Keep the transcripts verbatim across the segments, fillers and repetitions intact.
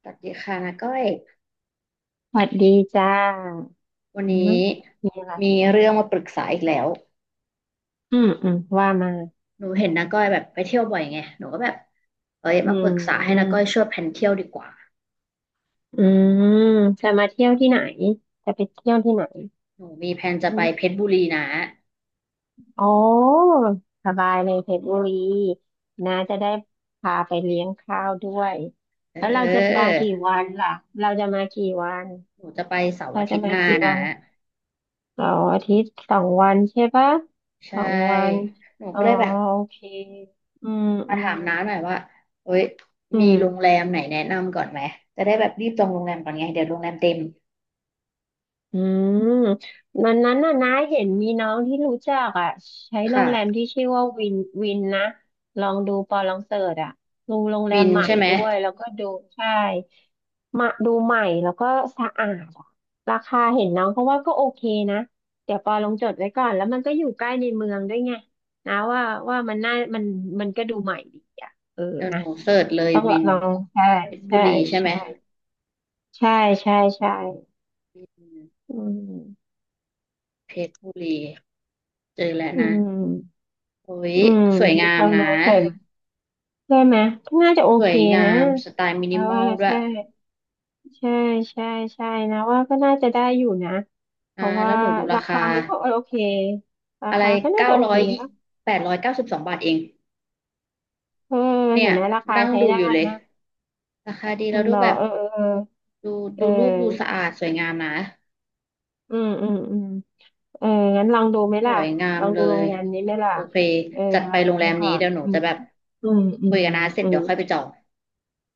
สวัสดีค่ะนาก้อยสวัสดีจ้าวันอืมนี้มีอะไรมีเรื่องมาปรึกษาอีกแล้วอืมอืมว่ามาหนูเห็นนาก้อยแบบไปเที่ยวบ่อยไงหนูก็แบบเอ้ยอืมาปรึกษาให้นามก้อยช่วยแผนเที่ยวดีกว่าอืมจะมาเที่ยวที่ไหน จะไปเที่ยวที่ไหนหนูมีแผนจะอืไปเพมชรบุรีนะอ๋อสบายเลยเพชรบุรีนะจะได้พาไปเลี้ยงข้าวด้วย เแล้วเราจะอมาอกี่วันล่ะเราจะมากี่วันหนูจะไปเสาร์เราอาทิจะตย์หมาน้ากี่นะวันเสาร์อาทิตย์สองวันใช่ปะใชสองวัน่หนูอ๋อก็เลยแบบโอเคอืมมาอืถามมน้าหน่อยว่าเอ้ยอืมีม โรงแรมไหนแนะนำก่อนไหมจะได้แบบรีบจองโรงแรมก่อนไงเดี๋ยวโรงแรมเต็มอืมวันนั้นน่ะน้าเห็นมีน้องที่รู้จักอ่ะใช้โรงแรมค่ะที่ชื่อว่าวินวินนะลองดูปอลองเสิร์ชอ่ะดูโรงแรวิมนใหม่ใช่ไหมด้วยแล้วก็ดูใช่มาดูใหม่แล้วก็สะอาดอะราคาเห็นน้องเขาว่าก็โอเคนะเดี๋ยวปอลองจดไว้ก่อนแล้วมันก็อยู่ใกล้ในเมืองด้วยไงนะว่าว่ามันน่ามันมันก็ดูใหม่ดีอ่ะเออเดี๋ยวหนะนูเสิร์ชเลยต้องวินลองใช่เพชรบุใช่รีใช่ไหมใช่ใช่ใช่ใช่อืม อืมเพชรบุรีเจอแล้วอืนะม โอ้ยอืมสวยงามฟังนะดูเสร็มใช่ไหมน่าจะโอสเควยงานะมสไตล์มิเพนิราะมอว่าลด้วใช่ยใช่ใช่ใช่นะว่าก็น่าจะได้อยู่นะเพอ่าราะแล้ว่าวหนูดูราราคาคามันก็โอเคราอะไรคาก็น่าเก้าจะโอร้อเคยนะแปดร้อยเก้าสิบสองบาทเองเออเนี่เห็ยนไหมราคานั่งใช้ดูได้อยู่เลยนะราคาดีคุแล้วณดูบอแบกบเออดูเอดูรูปดูสะออาดสวยงามนะเออเอออืมอืมอืมเอองั้นลองดูไหมสล่ะวยงาลมองเลดูโรยงแรมนี้ไหมล่ะโอเคเออจัดลไปโรองงแรดูมก่นี้อนเดี๋ยวหนูอืจะมแบบอืมอืคุมยกับน้าเสร็จอืเดี๋ม ยวค่อยไปจอง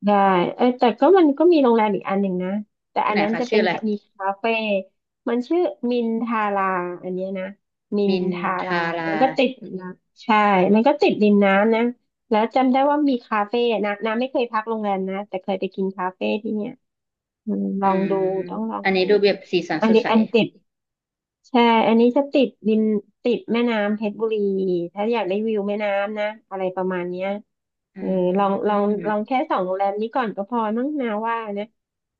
ได้เอ้แต่ก็มันก็มีโรงแรมอีกอันหนึ่งนะแต่ที่อันไหนนั้นคะจะชื่เป็อนอะไรมีคาเฟ่มันชื่อมินทาราอันเนี้ยนะมินมินทาราทารามันก็ติดนะใช่มันก็ติดริมน้ำนะแล้วจำได้ว่ามีคาเฟ่นะน้ำไม่เคยพักโรงแรมนะแต่เคยไปกินคาเฟ่ที่เนี่ยอืมลอืองดูมต้องลองอันนี้ดูดูแบบสีสันอัสนดนี้ใส อันติด ใช่อันนี้จะติดดินติดแม่น้ำเพชรบุรีถ้าอยากได้วิวแม่น้ำนะอะไรประมาณเนี้ยอืเออลองลองลองมแค่สองโรงแรมนี้ก่อนก็พอมั้งนาว่านะ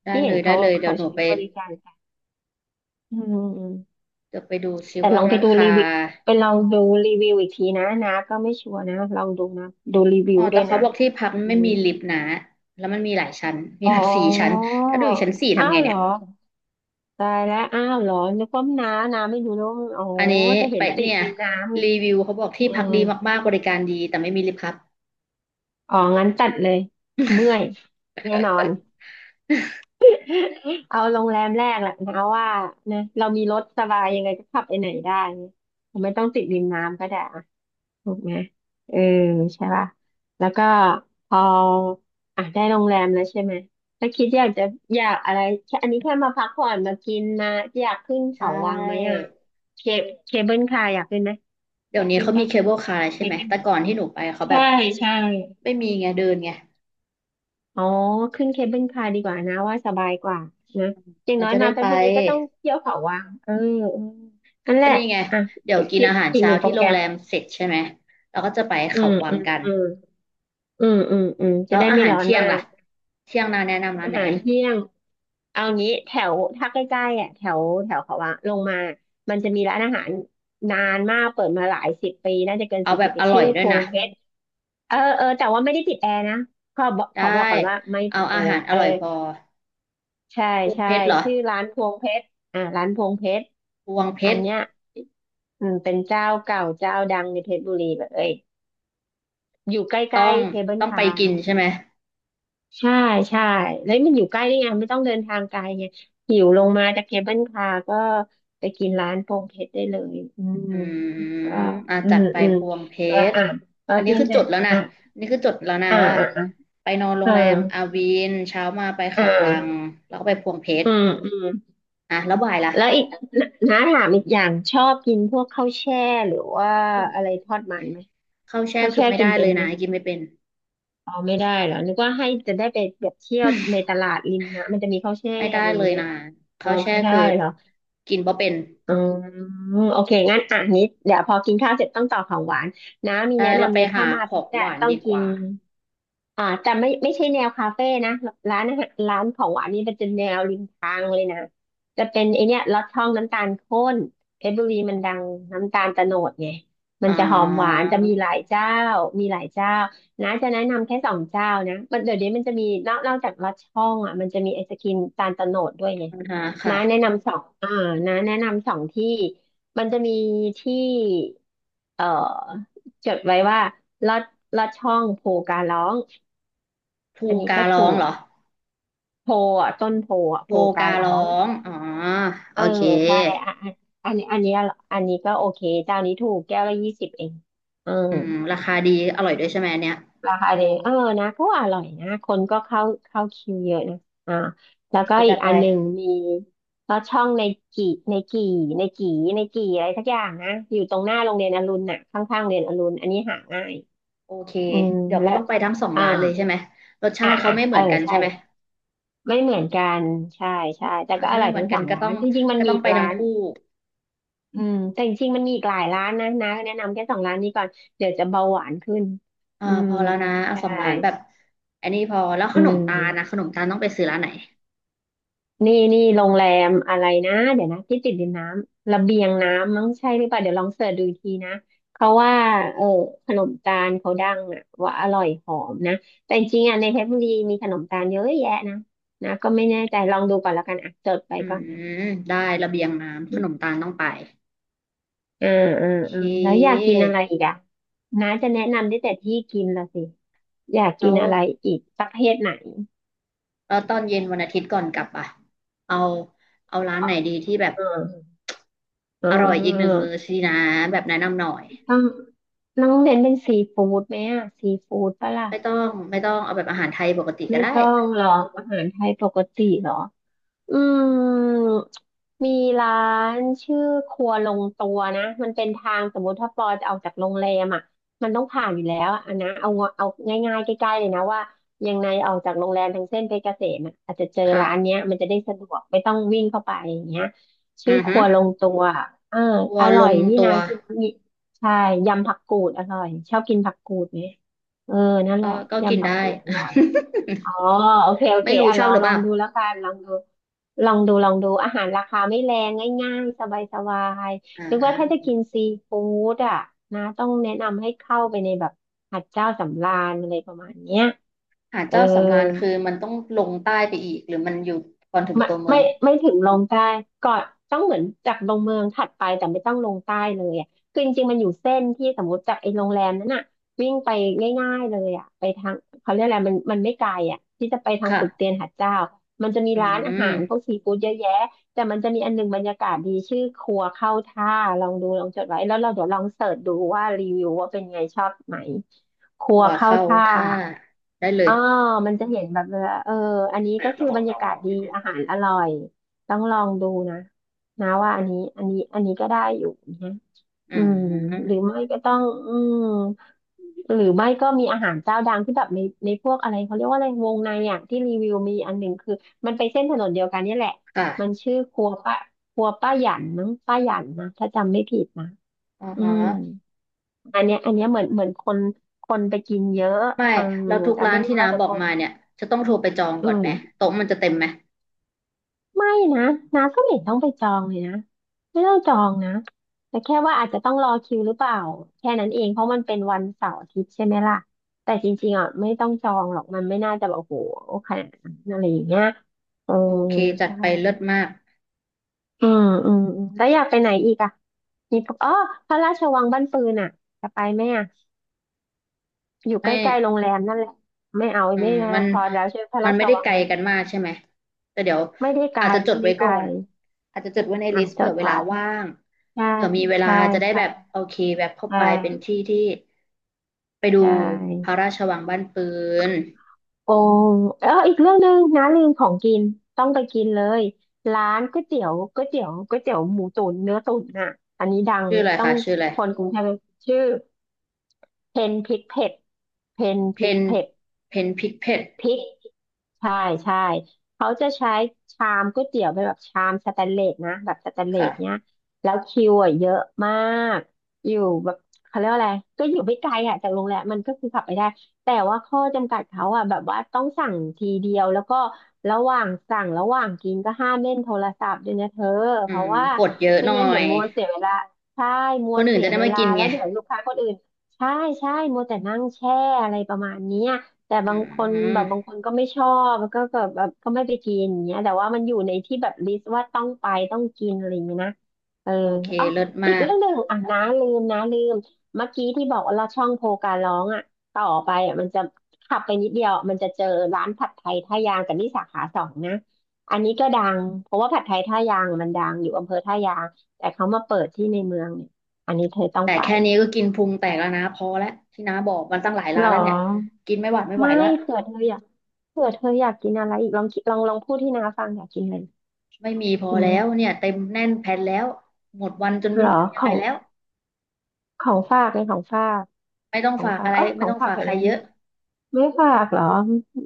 ได้ที่เลเห็นยได้เขาเลยเดี๋ยเขาวหนูใช้ไปบริการกันอืมอืมเดี๋ยวไปดูซิแต่ลว่าองไปราดูคารีวิวไปลองดูรีวิวอีกทีนะนะก็ไม่ชัวร์นะลองดูนะดูรีวิอ๋อวแต่ด้วยเขานะบอกที่พักอืไม่มีมลิฟต์นะแล้วมันมีหลายชั้นมีอ๋แบอบสี่ชั้นถ้าดูอยู่ชั้นสี่อ้าทำไงวเหรเนี่ยอตายแล้วอ้าวเหรอนึกว่าน้าน้าไม่รู้นะว่ามันอ๋ออันนี้แต่เห็ไปนติดเนี่ยริมน้ำไงรีวิวเขาบอกที่อืพักม ดีมากๆบริการดีแต่ไม่มีลิฟต์ครับอ๋องั้นจัดเลยเมื่อยแน่นอน เอาโรงแรมแรกแหละนะว่านะเรามีรถสบายยังไงก็ขับไปไหนได้เนี่ยไม่ต้องติดริมน้ำก็ได้อะถูกไหมเออใช่ป่ะแล้วก็พออ่ะได้โรงแรมแล้วใช่ไหมถ้าคิดอยากจะอยากอะไรแค่อันนี้แค่มาพักผ่อนมากินมาอยากขึ้นใชเขาวังไหม่อ่ะเคเคเบิลคาร์อยากขึ้นไหมอเดี๋ยยาวกนี้ขึ้นเขามีปะเคเบิลคาร์เคใช่ไหมเบิลแต่ก่อนที่หนูไปเขาแบใช่บใช่ ไม่มีไงเดินไงอ๋อขึ้นเคเบิลคาร์ดีกว่านะว่าสบายกว่านะอย่างมันน้อยจะได้มาเพไปชรบุรีก็ต้องเที่ยวเขาวังเออเออนั่นแหก็ละนี่ไงอ่ะเดี๋ยวกินคิดอาหารอีกหเช้านึ่งโปรที่โรแกรงมแรมเสร็จใช่ไหมเราก็จะไปอืเขามวัอืงมกัน อืมอืมอืมอืมจะแล้วได้อาไม่หารร้อนเที่ยมางกล่ะเที่ยงนาแนะนำร้านอาไหนหารเที่ยงเอางี้แถวถ้าใกล้ๆอ่ะแถวแถวเขาวังลงมามันจะมีร้านอาหารนานมากเปิดมาหลายสิบปีน่าจะเกินเอาสี่แบสิบบปีอร่อชื่ยอด้พวยวงนะเพชรเออเออแต่ว่าไม่ได้ติดแอร์นะขอบอกขได้อบอกก่อนว่าไม่เอาติดแออาร์หารอเออ ร่อยพอใช่พวงใช่เพชรเหรอชื่อร้านพวงเพชรอ่าร้านพวงเพชรพวงเพอันชรเนี้ยอืมเป็นเจ้าเก่าเจ้าดังในเพชรบุรีแบบเอ้ยอยู่ใกต้อล้งๆเทเบิลต้องไปทามกินใช่ไหมใช่ใช่แล้วมันอยู่ใกล้ได้ไงไม่ต้องเดินทางไกลไงหิวลงมาจากเทเบิลทามก็ไปกินร้านพวงเพชรได้เลยอืมอืมก็อ่าอืจัดมไปอืมพวงเพแล้วชรอ่ะพออันนี้กินคือเสจร็จดแล้วนะอ่ะอันนี่คือจดแล้วนะอ่ะว่าอ่ะอ่ะไปนอนโรเองอแรมอาวีนเช้ามาไปอ่เขาวังะแล้วก็ไปพวงเพชอืรมอืม อ่ะแล้วบ่ายล่ะแล้วอีก น้าถามอีกอย่างชอบกินพวกข้าวแช่หรือว่ากินอะไรทอดมันไหมข้าวแช่ข้าวคืแช่อไม่กินได้เป็เลนยไหมนะกินไม่เป็นอ๋อไม่ได้เหรอนึกว่าให้จะได้ไปแบบเที่ยวในตลาดริมนะมันจะมีข้าวแช่ไม่อะได้ไรอย่าเลงยเงี้ยนะอ๋อข้าวแช่ไม่ได้คือเหรอกินบ่เป็น อืมโอเคงั้นอ่ะนิดเดี๋ยวพอกินข้าวเสร็จต้องต่อของหวานน้ามีใช่แนะเรานำไปเลยถ้าหามาขเพอชงรหอะวานต้องดีกกิน ว่าอ่าแต่ไม่ไม่ใช่แนวคาเฟ่นะร้านอาหารร้านของหวานนี่เป็นจะแนวริมทางเลยนะจะเป็นไอเนี้ยลอดช่องน้ำตาลข้นเพชรบุรีมันดังน้ำตาลโตโนดไงมัอ๋นจะหอมหวาอนจะมีหลายเจ้ามีหลายเจ้านะจะแนะนำแค่สองเจ้านะมันเดี๋ยวนี้มันจะมีนอกนอกจากลอดช่องอ่ะมันจะมีไอศกรีมตาลโตโนดด้วยไงนะคะค่ะนะแนะนำสองอ่านะแนะนำสองที่มันจะมีที่เอ่อจดไว้ว่าลอดลอดช่องโพการ้อง ภูอันนี้กาก็รร้อถูงกเหรอโพอ่ะต้นโพอ่ะโพภูกาการร้ร้อองงอ๋อเอโออเคใช่อ่ะอ่ะอันนี้อันนี้อันนี้ก็โอเคเจ้านี้ถูกแก้วละยี่สิบเองเอออืมราคาดีอร่อยด้วยใช่ไหมอันเนี้ยราคาเดีเออนะก็อร่อยนะคนก็เข้าเข้าคิวเยอะนะอ่าโอแล้วเคก็อีจักดไปอันหนึ่งมีก็ช่องในกี่ในกี่ในกี่ในกี่อะไรสักอย่างนะอยู่ตรงหน้าโรงเรียนอรุณน่ะข้างๆโรงเรียนอรุณอันนี้หาง่ายโอเคอืมเดี๋ยวและต้องไปทั้งสองอ่าร้านเลยใช่ไหมรสชาอ่าติเขาไม่เหเอมืออนกันใช่ ใช่ไหมไม่เหมือนกันใช่ใช่แต่อ่าก็อถ้าร่ไม่อยเหมือทั้นงกัสนองก็ร้าต้อนงจริงๆมันก็มีต้องอีกไปทั้งร้านคู่อืมแต่จริงๆมันมีอีกหลายร้านนะนะแนะนำแค่สองร้านนี้ก่อนเดี๋ยวจะเบาหวานขึ้นอ่าอืพมอแล้วนะเอาใช่สองร้านแบบอันนี้พอแล้วขอืนมตาลนะมขนมตาลต้องไปซื้อร้านไหนนี่นี่โรงแรมอะไรนะเดี๋ยวนะที่ติดดินน้ำระเบียงน้ำมั้งใช่หรือเปล่าเดี๋ยวลองเสิร์ชดูอีกทีนะเขาว่าเออขนมตาลเขาดังอ่ะว่าอร่อยหอมนะแต่จริงๆอ่ะในเพชรบุรีมีขนมตาลเยอะแยะนะนะก็ไม่แน่ใจลองดูก่อนแล้วกันอ่ะจดไปอืก่อนนะ มได้ระเบียงน้ำขนมตาลต้องไปเออเออโอเเออแล้วอยากค กินอะไรอีกอ่ะน้าจะแนะนำได้แต่ที่กินละสิอยากแล้กินวอะไรอีกประเภทไหนแล้วตอนเย็นวันอาทิตย์ก่อนกลับอ่ะเอาเอาร้านไหนดีที่แบบเออเอร่อยอีกหนึ่งออมื้อสินะแบบแนะนำหน่อยต้องต้องเน้นเป็นซีฟู้ดไหมอ่ะซีฟู้ดปะล่ะไม่ต้องไม่ต้องเอาแบบอาหารไทยปกติก็ไม่ได้ต้องหรอกอาหารไทยปกติหรอ อืมมีร้านชื่อครัวลงตัวนะมันเป็นทางสมมติถ้าปอจะออกจากโรงแรมอ่ะมันต้องผ่านอยู่แล้วอะอันนะเอาเอาง่ายๆใกล้ๆเลยนะว่ายังไงออกจากโรงแรมทางเส้นเพชรเกษมอะอาจจะเจอค่ะร้านเนี้ยมันจะได้สะดวกไม่ต้องวิ่งเข้าไปอย่างเงี้ยอืชื่ออคฮึรัวลงตัวอ่าวัวอลร่อยงที่ตันาวกินมีใช่ยำผักกูดอร่อยชอบกินผักกูดไหมเออนั่นแหก็ละก็กินยำผักได้ กูดอร่อย อ๋อโอเคโอ เคไม่รู้อ่ะชลออบหงรือลเปองล่าดูแล้วกันลองดูลองดูลองดูอาหารราคาไม่แรงง่ายๆสบายสบายอ่หรือว่าถ้าจะากินซีฟู้ดอ่ะนะต้องแนะนำให้เข้าไปในแบบหัดเจ้าสำราญอะไรประมาณเนี้ยหาดเออ เจ้าสำราญคือมันต้องลงใต้ไปอีกหรือมันอยู่ก่อนถึงไม่ตัวเมือไม่งไม่ถึงลงใต้ก่อนต้องเหมือนจากลงเมืองถัดไปแต่ไม่ต้องลงใต้เลยอ่ะคือจริงๆมันอยู่เส้นที่สมมติจากไอ้โรงแรมนั้นอ่ะวิ่งไปง่ายๆเลยอ่ะไปทางเขาเรียกอะไรมันมันไม่ไกลอ่ะที่จะไปทางปึกเตีค่ะยนหาดเจ้ามันจะมีอืร้านอาหารพวมกซีฟู้ดเยอะแยะแต่มันจะมีอันหนึงบรรยากาศดีชื่อครัวเข้าท่าลองดูลองจดไว้แล้วเราเดี๋ยวลองเสิร์ชดูว่ารีวิวว่าเป็นไงชอบไหมครัหัววเข้าเข้าท่า ท่าได้เลอ๋ยอมันจะเห็นแบบเวลาเอออันนี้ก็คือบรรยากาศดี อาหารอร่อย ต้องลองดูนะนะว่าอันนี้อันนี้อันนี้ก็ได้อยู่นะอือืมหมรือไม่ก็ต้องอืมหรือไม่ก็มีอาหารเจ้าดังที่แบบในในพวกอะไรเขาเรียกว่าอะไรวงในอ่ะที่รีวิวมีอันหนึ่งคือมันไปเส้นถนนเดียวกันเนี่ยแหละ มันค่ะชื่อครัวป้าครัวป้าหยันมั้งป้าหยันนะถ้าจำไม่ผิดนะอ๋ออืฮะ มอันเนี้ยอันเนี้ยเหมือนเหมือนคนคนไปกินเยอะไม่เออเราทุกแต่ร้าไม่นรู้ที่แล้น้าวแต่บอคกน มาเนี่ยจะต้องโทรไปจองอืก่อนไหมมโต๊ะมันจะเต็มไหมไม่นะน้าก็ไม่เห็นต้องไปจองเลยนะไม่ต้องจองนะแต่แค่ว่าอาจจะต้องรอคิวหรือเปล่าแค่นั้นเองเพราะมันเป็นวันเสาร์อาทิตย์ใช่ไหมล่ะแต่จริงๆอ่ะไม่ต้องจองหรอกมันไม่น่าจะแบบโอ้โหขนาดนั้นอะไรอย่างเงี้ยเออโอเคจัดใช่ไปเลิศมากอืมอืมอืมแล้วอยากไปไหนอีกอ่ะมีปะอ๋อพระราชวังบ้านปืนอ่ะจะไปไหมอ่ะอยู่ใกไม่ล้ๆโรงแรมนั่นแหละไม่เอาอืไม่มนะมันพอแล้วใช่ไหมพระมัรานชไม่ได้วังไกลกันมากใช่ไหมแต่เดี๋ยวไม่ได้ไกลอาจจะจไม่ดไว้ได้ไกก่อลนอาจจะจดไว้ในลิอ่ะสต์จเผื่อดเวลาไว้ ว่างใช่เผื่อมีเวลาใช่จะได้แบบใช่โอเคแบบเข้าใช่ไปเป็นที่ที่ไปดูใช่พระราชวังบ้านปืนโอ้เอออีกเรื่องหนึ่งนะลืมของกินต้องไปกินเลยร้านก๋วยเตี๋ยวก๋วยเตี๋ยวก๋วยเตี๋ยวหมูตุ๋นเนื้อตุ๋นน่ะอันนี้ดังชื่เลออะยไรต้อคะงชื่ออะไรคนกรุงเทพชื่อเพนพริกเผ็ดเพนเพพริกนเผ็ด เพนพิกเพดพริกใช่ใช่เขาจะใช้ชามก๋วยเตี๋ยวเป็นแบบชามสแตนเลสนะแบบสแตนเลสเนี้ยค่ะแล้วคิวอ่ะเยอะมาก อยู่แบบเขาเรียกว่าอะไรก็อยู่ไม่ไกลอ่ะจากโรงแรมมันก็คือขับไปได้แต่ว่าข้อจำกัดเขาอ่ะแบบว่าต้องสั่งทีเดียวแล้วก็ระหว่างสั่งระหว่างกินก็ห้ามเล่นโทรศัพท์ด้วยนะเธออืเพราะมว่ากดเยอะไม่หน่องั้นเดี๋ยยวมัวเสียเวลาใช่มัควนอื่นเสียจะได้เวมาลากินแล้ไง วเดี๋ยวลูกค้าคนอื่นใช่ใช่มัวแต่นั่งแช่อะไรประมาณเนี้ย แต่อืบางคนแบมบบางคนก็ไม่ชอบแล้วก็แบบแบบก็ไม่ไปกินอย่างเงี้ยแต่ว่ามันอยู่ในที่แบบลิสต์ว่าต้องไปต้องกินอะไรอย่างเงี้ยนะเออโอเคอ๋อเลิศมาอีกกเรื่องหนึ่งอ่ะนะลืมนะลืมเมื่อกี้ที่บอกว่าเราช่องโพการร้องอ่ะต่อไปอ่ะมันจะขับไปนิดเดียวมันจะเจอร้านผัดไทยท่ายางกับนี่สาขาสองนะอันนี้ก็ดังเพราะว่าผัดไทยท่ายางมันดังอยู่อำเภอท่ายางแต่เขามาเปิดที่ในเมืองเนี่ยอันนี้เธอต้องแต่ไปแค่นี้ก็กินพุงแตกแล้วนะพอแล้วที่น้าบอกมันตั้งหลายหรร้านอแล้วเนี่ยกินไม่หวาดไม่ไหวไม่แล้วเผื่อเธออยาก เผื่อเธออยากกินอะไรอีกลองคิดลองลองพูดที่น้าฟังอยากกินอะไรไม่มีพอหแล้วมเนี่ยเต็มแน่นแผ่นแล้วหมดวันจนไม่เหรอรู้จะยัขงอไงงแล้วของฝากในของฝากไม่ต้องของฝากฝากอะไรเออขไม่องต้องฝากฝากแถวใครนั้นเยเยอะอะไม่ฝากเหรอ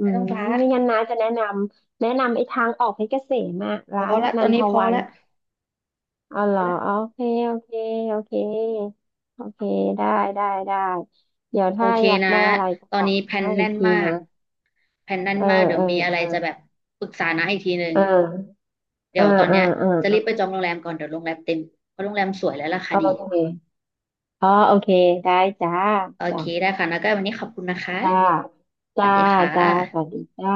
อืไม่ต้มองฝากไม่งั้นน้าจะแนะนำแนะนำไอ้ทางออกเพชรเกษมอะพอร้านละตนัอนนทนี้พอวันละเอาเหรพออโอละเคโอเคโอเคโอเคได้ได้ได้เดี๋ยวโอถ้าเคอยากนะได้อะไรก็ตอบนอกนี้แผ่นน้าอีแน่กนทีมานะกแผ่นแน่นเออมากเดี๋ยเอวอมีอะไรเออจะแบบปรึกษานะอีกทีหนึ่งเอเดี๋อยวตอนเออเนี้ยเออจะเอรีบไปอจองโรงแรมก่อนเดี๋ยวโรงแรมเต็มเพราะโรงแรมสวยและราคาเออดี โอเคอ๋อโอเคได้จ้าโอจ้า เคได้ค่ะแล้วก็วันนี้ขอบคุณนะคะ จ้าสวัจ้าสดีค่ะจ้าสวัสดีจ้า